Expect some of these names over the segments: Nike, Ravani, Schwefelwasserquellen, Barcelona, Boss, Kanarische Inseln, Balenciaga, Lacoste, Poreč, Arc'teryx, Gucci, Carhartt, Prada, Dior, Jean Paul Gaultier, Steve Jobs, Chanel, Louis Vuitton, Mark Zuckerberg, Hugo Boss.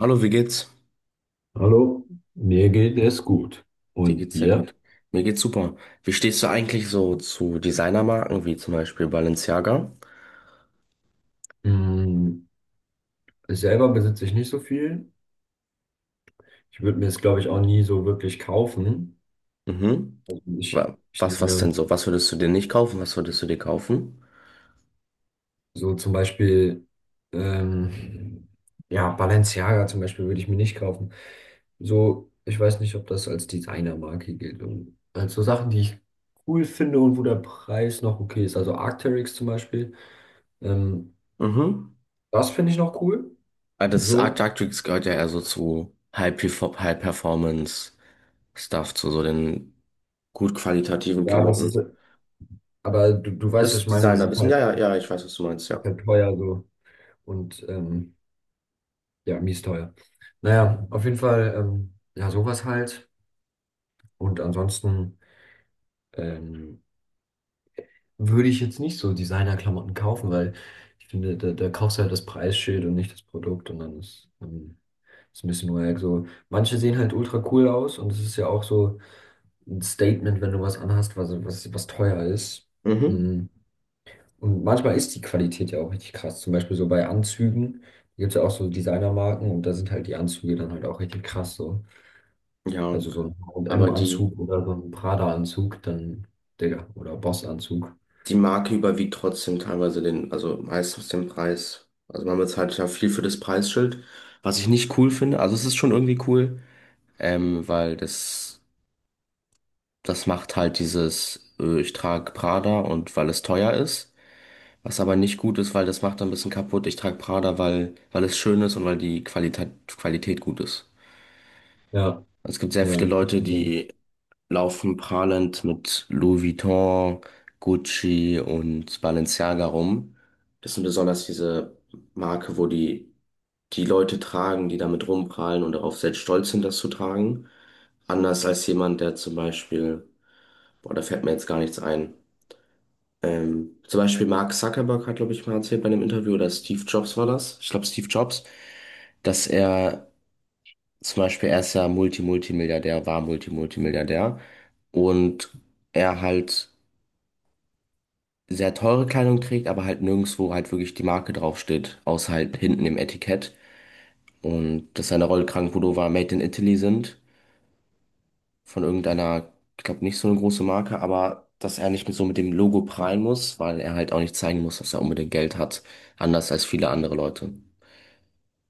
Hallo, wie geht's? Hallo, mir geht es gut. Dir Und geht's sehr dir? gut. Mir geht's super. Wie stehst du eigentlich so zu Designermarken wie zum Beispiel Balenciaga? Mm, Selber besitze ich nicht so viel. Ich würde mir es, glaube ich, auch nie so wirklich kaufen. Mhm. Also ich, Wa- ich Was, was denn nehme so? Was würdest du dir nicht kaufen? Was würdest du dir kaufen? so zum Beispiel, ähm, ja, Balenciaga zum Beispiel würde ich mir nicht kaufen. So, ich weiß nicht, ob das als Designermarke gilt. Und als so Sachen, die ich cool finde und wo der Preis noch okay ist. Also Arc'teryx zum Beispiel. Ähm, Mhm. das finde ich noch cool. Ah, das Art So, gehört ja eher so zu High Performance Stuff, zu so den gut qualitativen ja, das ist. Klamotten. Aber du weißt, was Das ich meine, es Designerwissen, ja, ja, ja, ich weiß, was du meinst, ist ja. halt teuer so und ja, mies teuer. Naja, auf jeden Fall, ja, sowas halt. Und ansonsten ähm, würde ich jetzt nicht so Designerklamotten kaufen, weil ich finde, da kaufst du halt das Preisschild und nicht das Produkt und dann ist ein bisschen wack. So, manche sehen halt ultra cool aus und es ist ja auch so ein Statement, wenn du was anhast, was teuer ist. Mhm. Mhm. Und manchmal ist die Qualität ja auch richtig krass. Zum Beispiel so bei Anzügen, da gibt es ja auch so Designermarken und da sind halt die Anzüge dann halt auch richtig krass so. Ja, Also so ein m aber die. anzug oder so ein Prada-Anzug, dann, Digga, oder Boss-Anzug. die Marke überwiegt trotzdem teilweise den, also meistens den Preis. Also man bezahlt ja viel für das Preisschild, was ich nicht cool finde. Also es ist schon irgendwie cool, weil das macht halt dieses, ich trage Prada und weil es teuer ist. Was aber nicht gut ist, weil das macht ein bisschen kaputt. Ich trage Prada, weil es schön ist und weil die Qualität gut ist. Ja, Es gibt sehr ja, viele das ist das Leute, Problem. die laufen prahlend mit Louis Vuitton, Gucci und Balenciaga rum. Das sind besonders diese Marke, wo die Leute tragen, die damit rumprahlen und darauf sehr stolz sind, das zu tragen. Anders als jemand, der zum Beispiel, boah, da fällt mir jetzt gar nichts ein. Zum Beispiel Mark Zuckerberg hat, glaube ich, mal erzählt bei einem Interview, oder Steve Jobs war das. Ich glaube, Steve Jobs, dass er, zum Beispiel, er ist ja Multi-Multimilliardär, war Multi-Multimilliardär. Und er halt sehr teure Kleidung trägt, aber halt nirgendwo halt wirklich die Marke draufsteht, außer halt hinten im Etikett. Und dass seine Rollkragenpullover made in Italy sind, von irgendeiner, ich glaube nicht so eine große Marke, aber dass er nicht mit dem Logo prahlen muss, weil er halt auch nicht zeigen muss, dass er unbedingt Geld hat, anders als viele andere Leute.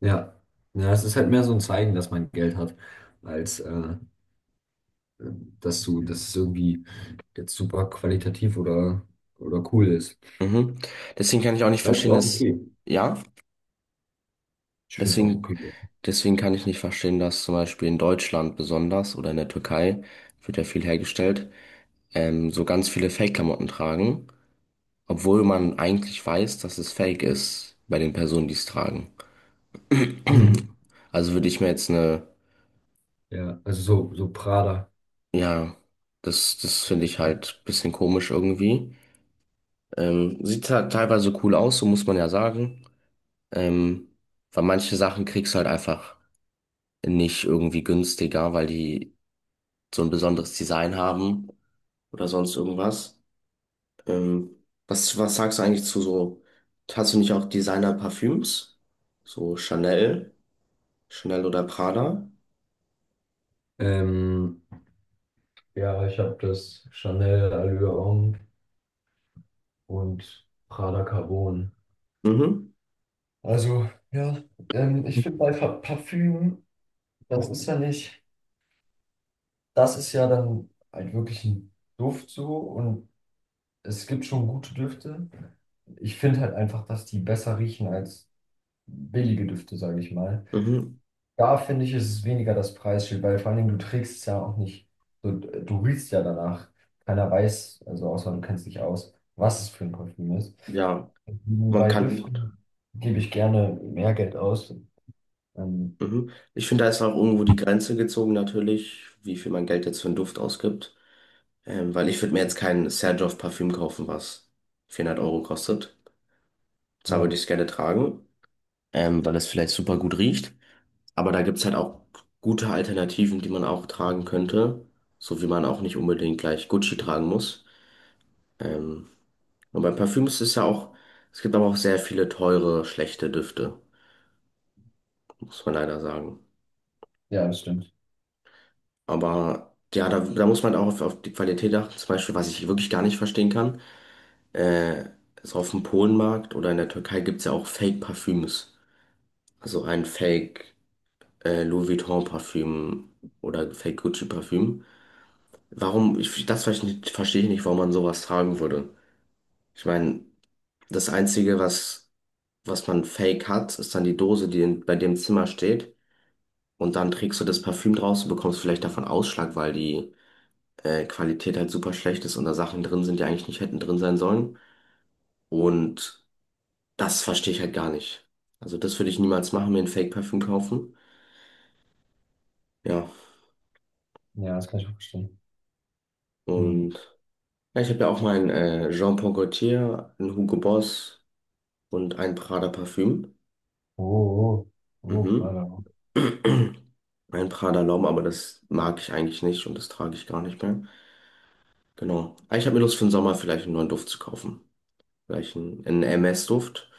Ja. Ja, es ist halt mehr so ein Zeigen, dass man Geld hat, als dass es irgendwie jetzt super qualitativ oder cool ist. Mhm. Deswegen kann ich auch nicht Ja, ist verstehen, auch dass, okay. ja? Ich finde es auch Deswegen, okay. deswegen kann ich nicht verstehen, dass zum Beispiel in Deutschland besonders oder in der Türkei wird ja viel hergestellt, so ganz viele Fake-Klamotten tragen, obwohl man eigentlich weiß, dass es Fake ist bei den Personen, die es tragen. Mhm. Also würde ich mir jetzt eine, Ja, also so Prada. ja, das finde ich halt ein bisschen komisch irgendwie. Sieht halt teilweise cool aus, so muss man ja sagen. Ähm, Weil manche Sachen kriegst du halt einfach nicht irgendwie günstiger, weil die so ein besonderes Design haben oder sonst irgendwas. Ähm, was sagst du eigentlich zu so, hast du nicht auch Designer-Parfüms? So Chanel oder Prada? Ähm, ja, ich habe das Chanel Allure Homme und Prada Carbon. Mhm, Also, ja, ich finde bei Parfüm, das ist ja nicht, das ist ja dann halt wirklich ein Duft so und es gibt schon gute Düfte. Ich finde halt einfach, dass die besser riechen als billige Düfte, sage ich mal. mhm, Da finde ich, ist es weniger das Preisschild, weil vor allen Dingen du trägst es ja auch nicht. Du riechst ja danach. Keiner weiß, also außer du kennst dich aus, was es für ein Parfüm ist. ja, Mhm. man Bei kann, Düften gebe ich gerne mehr Geld aus. Ähm, mhm. Ich finde, da ist auch irgendwo die Grenze gezogen natürlich, wie viel man Geld jetzt für einen Duft ausgibt. Weil ich würde mir jetzt kein Serjoff-Parfüm kaufen, was 400 € kostet. Zwar würde ja, ich es gerne tragen, weil es vielleicht super gut riecht. Aber da gibt's halt auch gute Alternativen, die man auch tragen könnte, so wie man auch nicht unbedingt gleich Gucci tragen muss. Ähm, und bei Parfüms ist es ja auch, es gibt aber auch sehr viele teure, schlechte Düfte, muss man leider sagen. ja, das stimmt. Aber ja, da muss man auch auf die Qualität achten. Zum Beispiel, was ich wirklich gar nicht verstehen kann, äh, ist auf dem Polenmarkt oder in der Türkei gibt's ja auch Fake-Parfüms. Also ein Fake, Louis Vuitton-Parfüm oder Fake-Gucci-Parfüm. Warum, ich, das verstehe ich nicht, warum man sowas tragen würde. Ich meine, das Einzige, was man fake hat, ist dann die Dose, die in, bei dem Zimmer steht. Und dann trägst du das Parfüm draus und bekommst vielleicht davon Ausschlag, weil die Qualität halt super schlecht ist und da Sachen drin sind, die eigentlich nicht hätten drin sein sollen. Und das verstehe ich halt gar nicht. Also das würde ich niemals machen, mir ein Fake-Parfüm kaufen. Ja. Ja, das kann ich auch verstehen. Und Hm. ja, ich habe ja auch mein Jean Paul Gaultier, ein Hugo Boss und ein Prada Parfüm. Oh, oh, oh, Mhm. Prada. Ein Prada Laum, aber das mag ich eigentlich nicht und das trage ich gar nicht mehr. Genau. Aber ich habe mir Lust für den Sommer vielleicht einen neuen Duft zu kaufen. Vielleicht einen MS-Duft.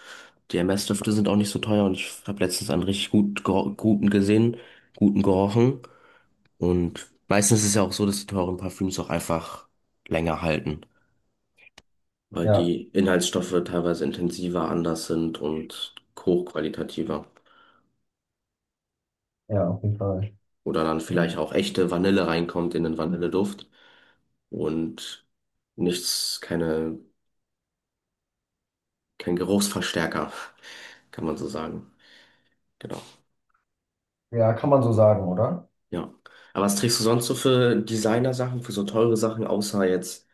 Die MS-Düfte sind auch nicht so teuer und ich habe letztens einen richtig guten gerochen. Und meistens ist es ja auch so, dass die teuren Parfüms auch einfach länger halten, weil Ja, die Inhaltsstoffe teilweise intensiver, anders sind und hochqualitativer. ja, auf jeden Fall. Oder dann vielleicht Ähm, auch echte Vanille reinkommt in den Vanilleduft. Und nichts, keine, kein Geruchsverstärker, kann man so sagen. Genau, ja, kann man so sagen, oder? ja. Aber was trägst du sonst so für Designer-Sachen, für so teure Sachen, außer jetzt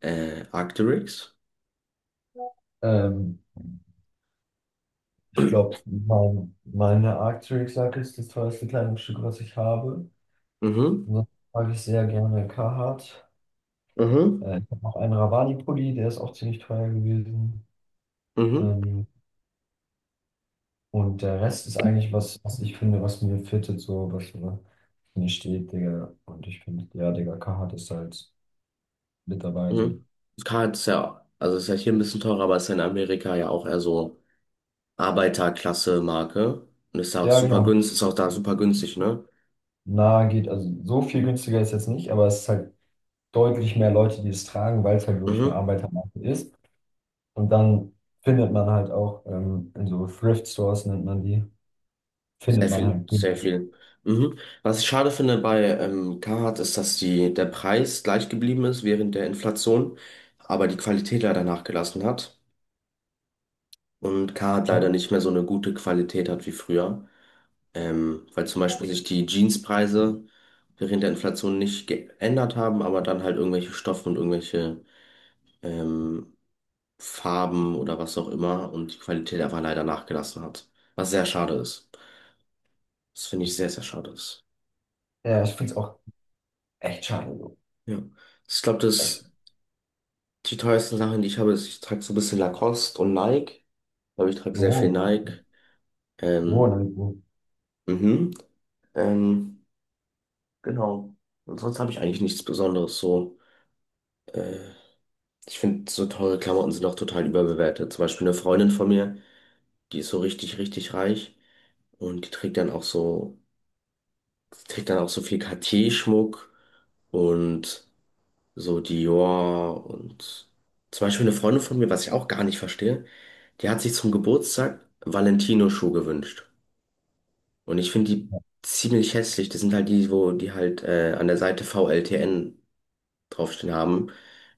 Arc'teryx? Ähm, ich glaube, meine Arc'teryx-Jacke ist das teuerste Kleidungsstück, was ich habe. Mhm, Ansonsten mag ich sehr gerne Carhartt. mhm, Ich habe noch einen Ravani-Pulli, der ist auch ziemlich teuer gewesen. mhm, Ähm, und der Rest ist eigentlich was, was ich finde, was mir fittet, so was mir steht, Digga. Und ich finde, ja, Digga, Carhartt ist halt mit dabei, so. mhm. Das kann jetzt ja, also ist ja hier ein bisschen teurer, aber ist ja in Amerika ja auch eher so Arbeiterklasse-Marke und ist da auch Ja, super genau. günstig, ist auch da super günstig, ne? Na, geht, also so viel günstiger ist jetzt nicht, aber es ist halt deutlich mehr Leute, die es tragen, weil es halt wirklich eine Mhm. Arbeitermarke ist. Und dann findet man halt auch in so Thrift-Stores, nennt man die, Sehr findet man viel, halt sehr billig. viel. Mhm. Was ich schade finde bei Carhartt ist, dass die, der Preis gleich geblieben ist während der Inflation, aber die Qualität leider nachgelassen hat und Carhartt leider Ja, nicht mehr so eine gute Qualität hat wie früher, weil zum Beispiel sich die Jeanspreise während der Inflation nicht geändert haben, aber dann halt irgendwelche Stoffe und irgendwelche ähm, Farben oder was auch immer und die Qualität einfach leider nachgelassen hat, was sehr schade ist. Das finde ich sehr, sehr schade ist. ja ich finde es auch echt schade, so. Ja. Ich glaube, das Echt. die teuersten Sachen, die ich habe, ist, ich trage so ein bisschen Lacoste und Nike. Aber ich trage sehr viel Oh, Nike. oh, Ähm, dann. mhm. Ähm, genau. Und sonst habe ich eigentlich nichts Besonderes so. Äh, Ich finde, so teure Klamotten sind auch total überbewertet. Zum Beispiel eine Freundin von mir, die ist so richtig, richtig reich und die trägt dann auch so viel Cartier-Schmuck und so Dior und zum Beispiel eine Freundin von mir, was ich auch gar nicht verstehe, die hat sich zum Geburtstag Valentino-Schuhe gewünscht. Und ich finde die ziemlich hässlich. Das sind halt die, wo die halt an der Seite VLTN draufstehen haben.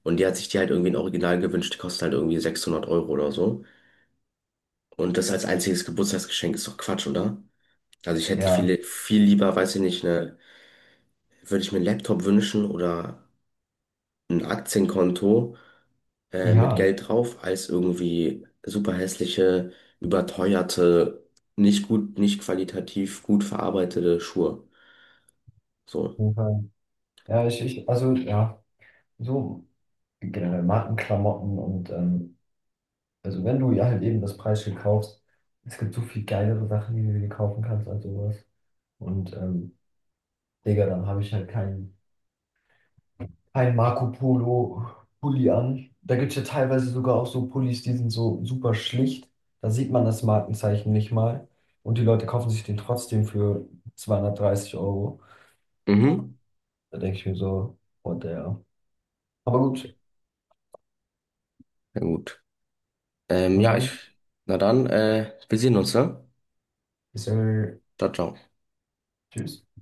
Und die hat sich die halt irgendwie in Original gewünscht. Die kosten halt irgendwie 600 € oder so. Und das als einziges Geburtstagsgeschenk ist doch Quatsch, oder? Also ich hätte Ja, viel, viel lieber, weiß ich nicht, ne, würde ich mir einen Laptop wünschen oder ein Aktienkonto mit ja, auf Geld drauf, als irgendwie super hässliche, überteuerte, nicht gut, nicht qualitativ gut verarbeitete Schuhe. So. jeden Fall. Ja, ich, also, ja, so generell Markenklamotten und, also, wenn du ja halt eben das Preisschild kaufst, es gibt so viel geilere Sachen, die du dir kaufen kannst als sowas. Und, Digga, dann habe ich halt kein Marco Polo Pulli an. Da gibt es ja teilweise sogar auch so Pullis, die sind so super schlicht. Da sieht man das Markenzeichen nicht mal. Und die Leute kaufen sich den trotzdem für 230 Euro. Mhm. Da denke ich mir so, what the hell. Aber gut, Na gut. Na Ja, ich, dann, na dann, wir sehen uns, ne? bis dann. Ciao, ciao. Tschüss.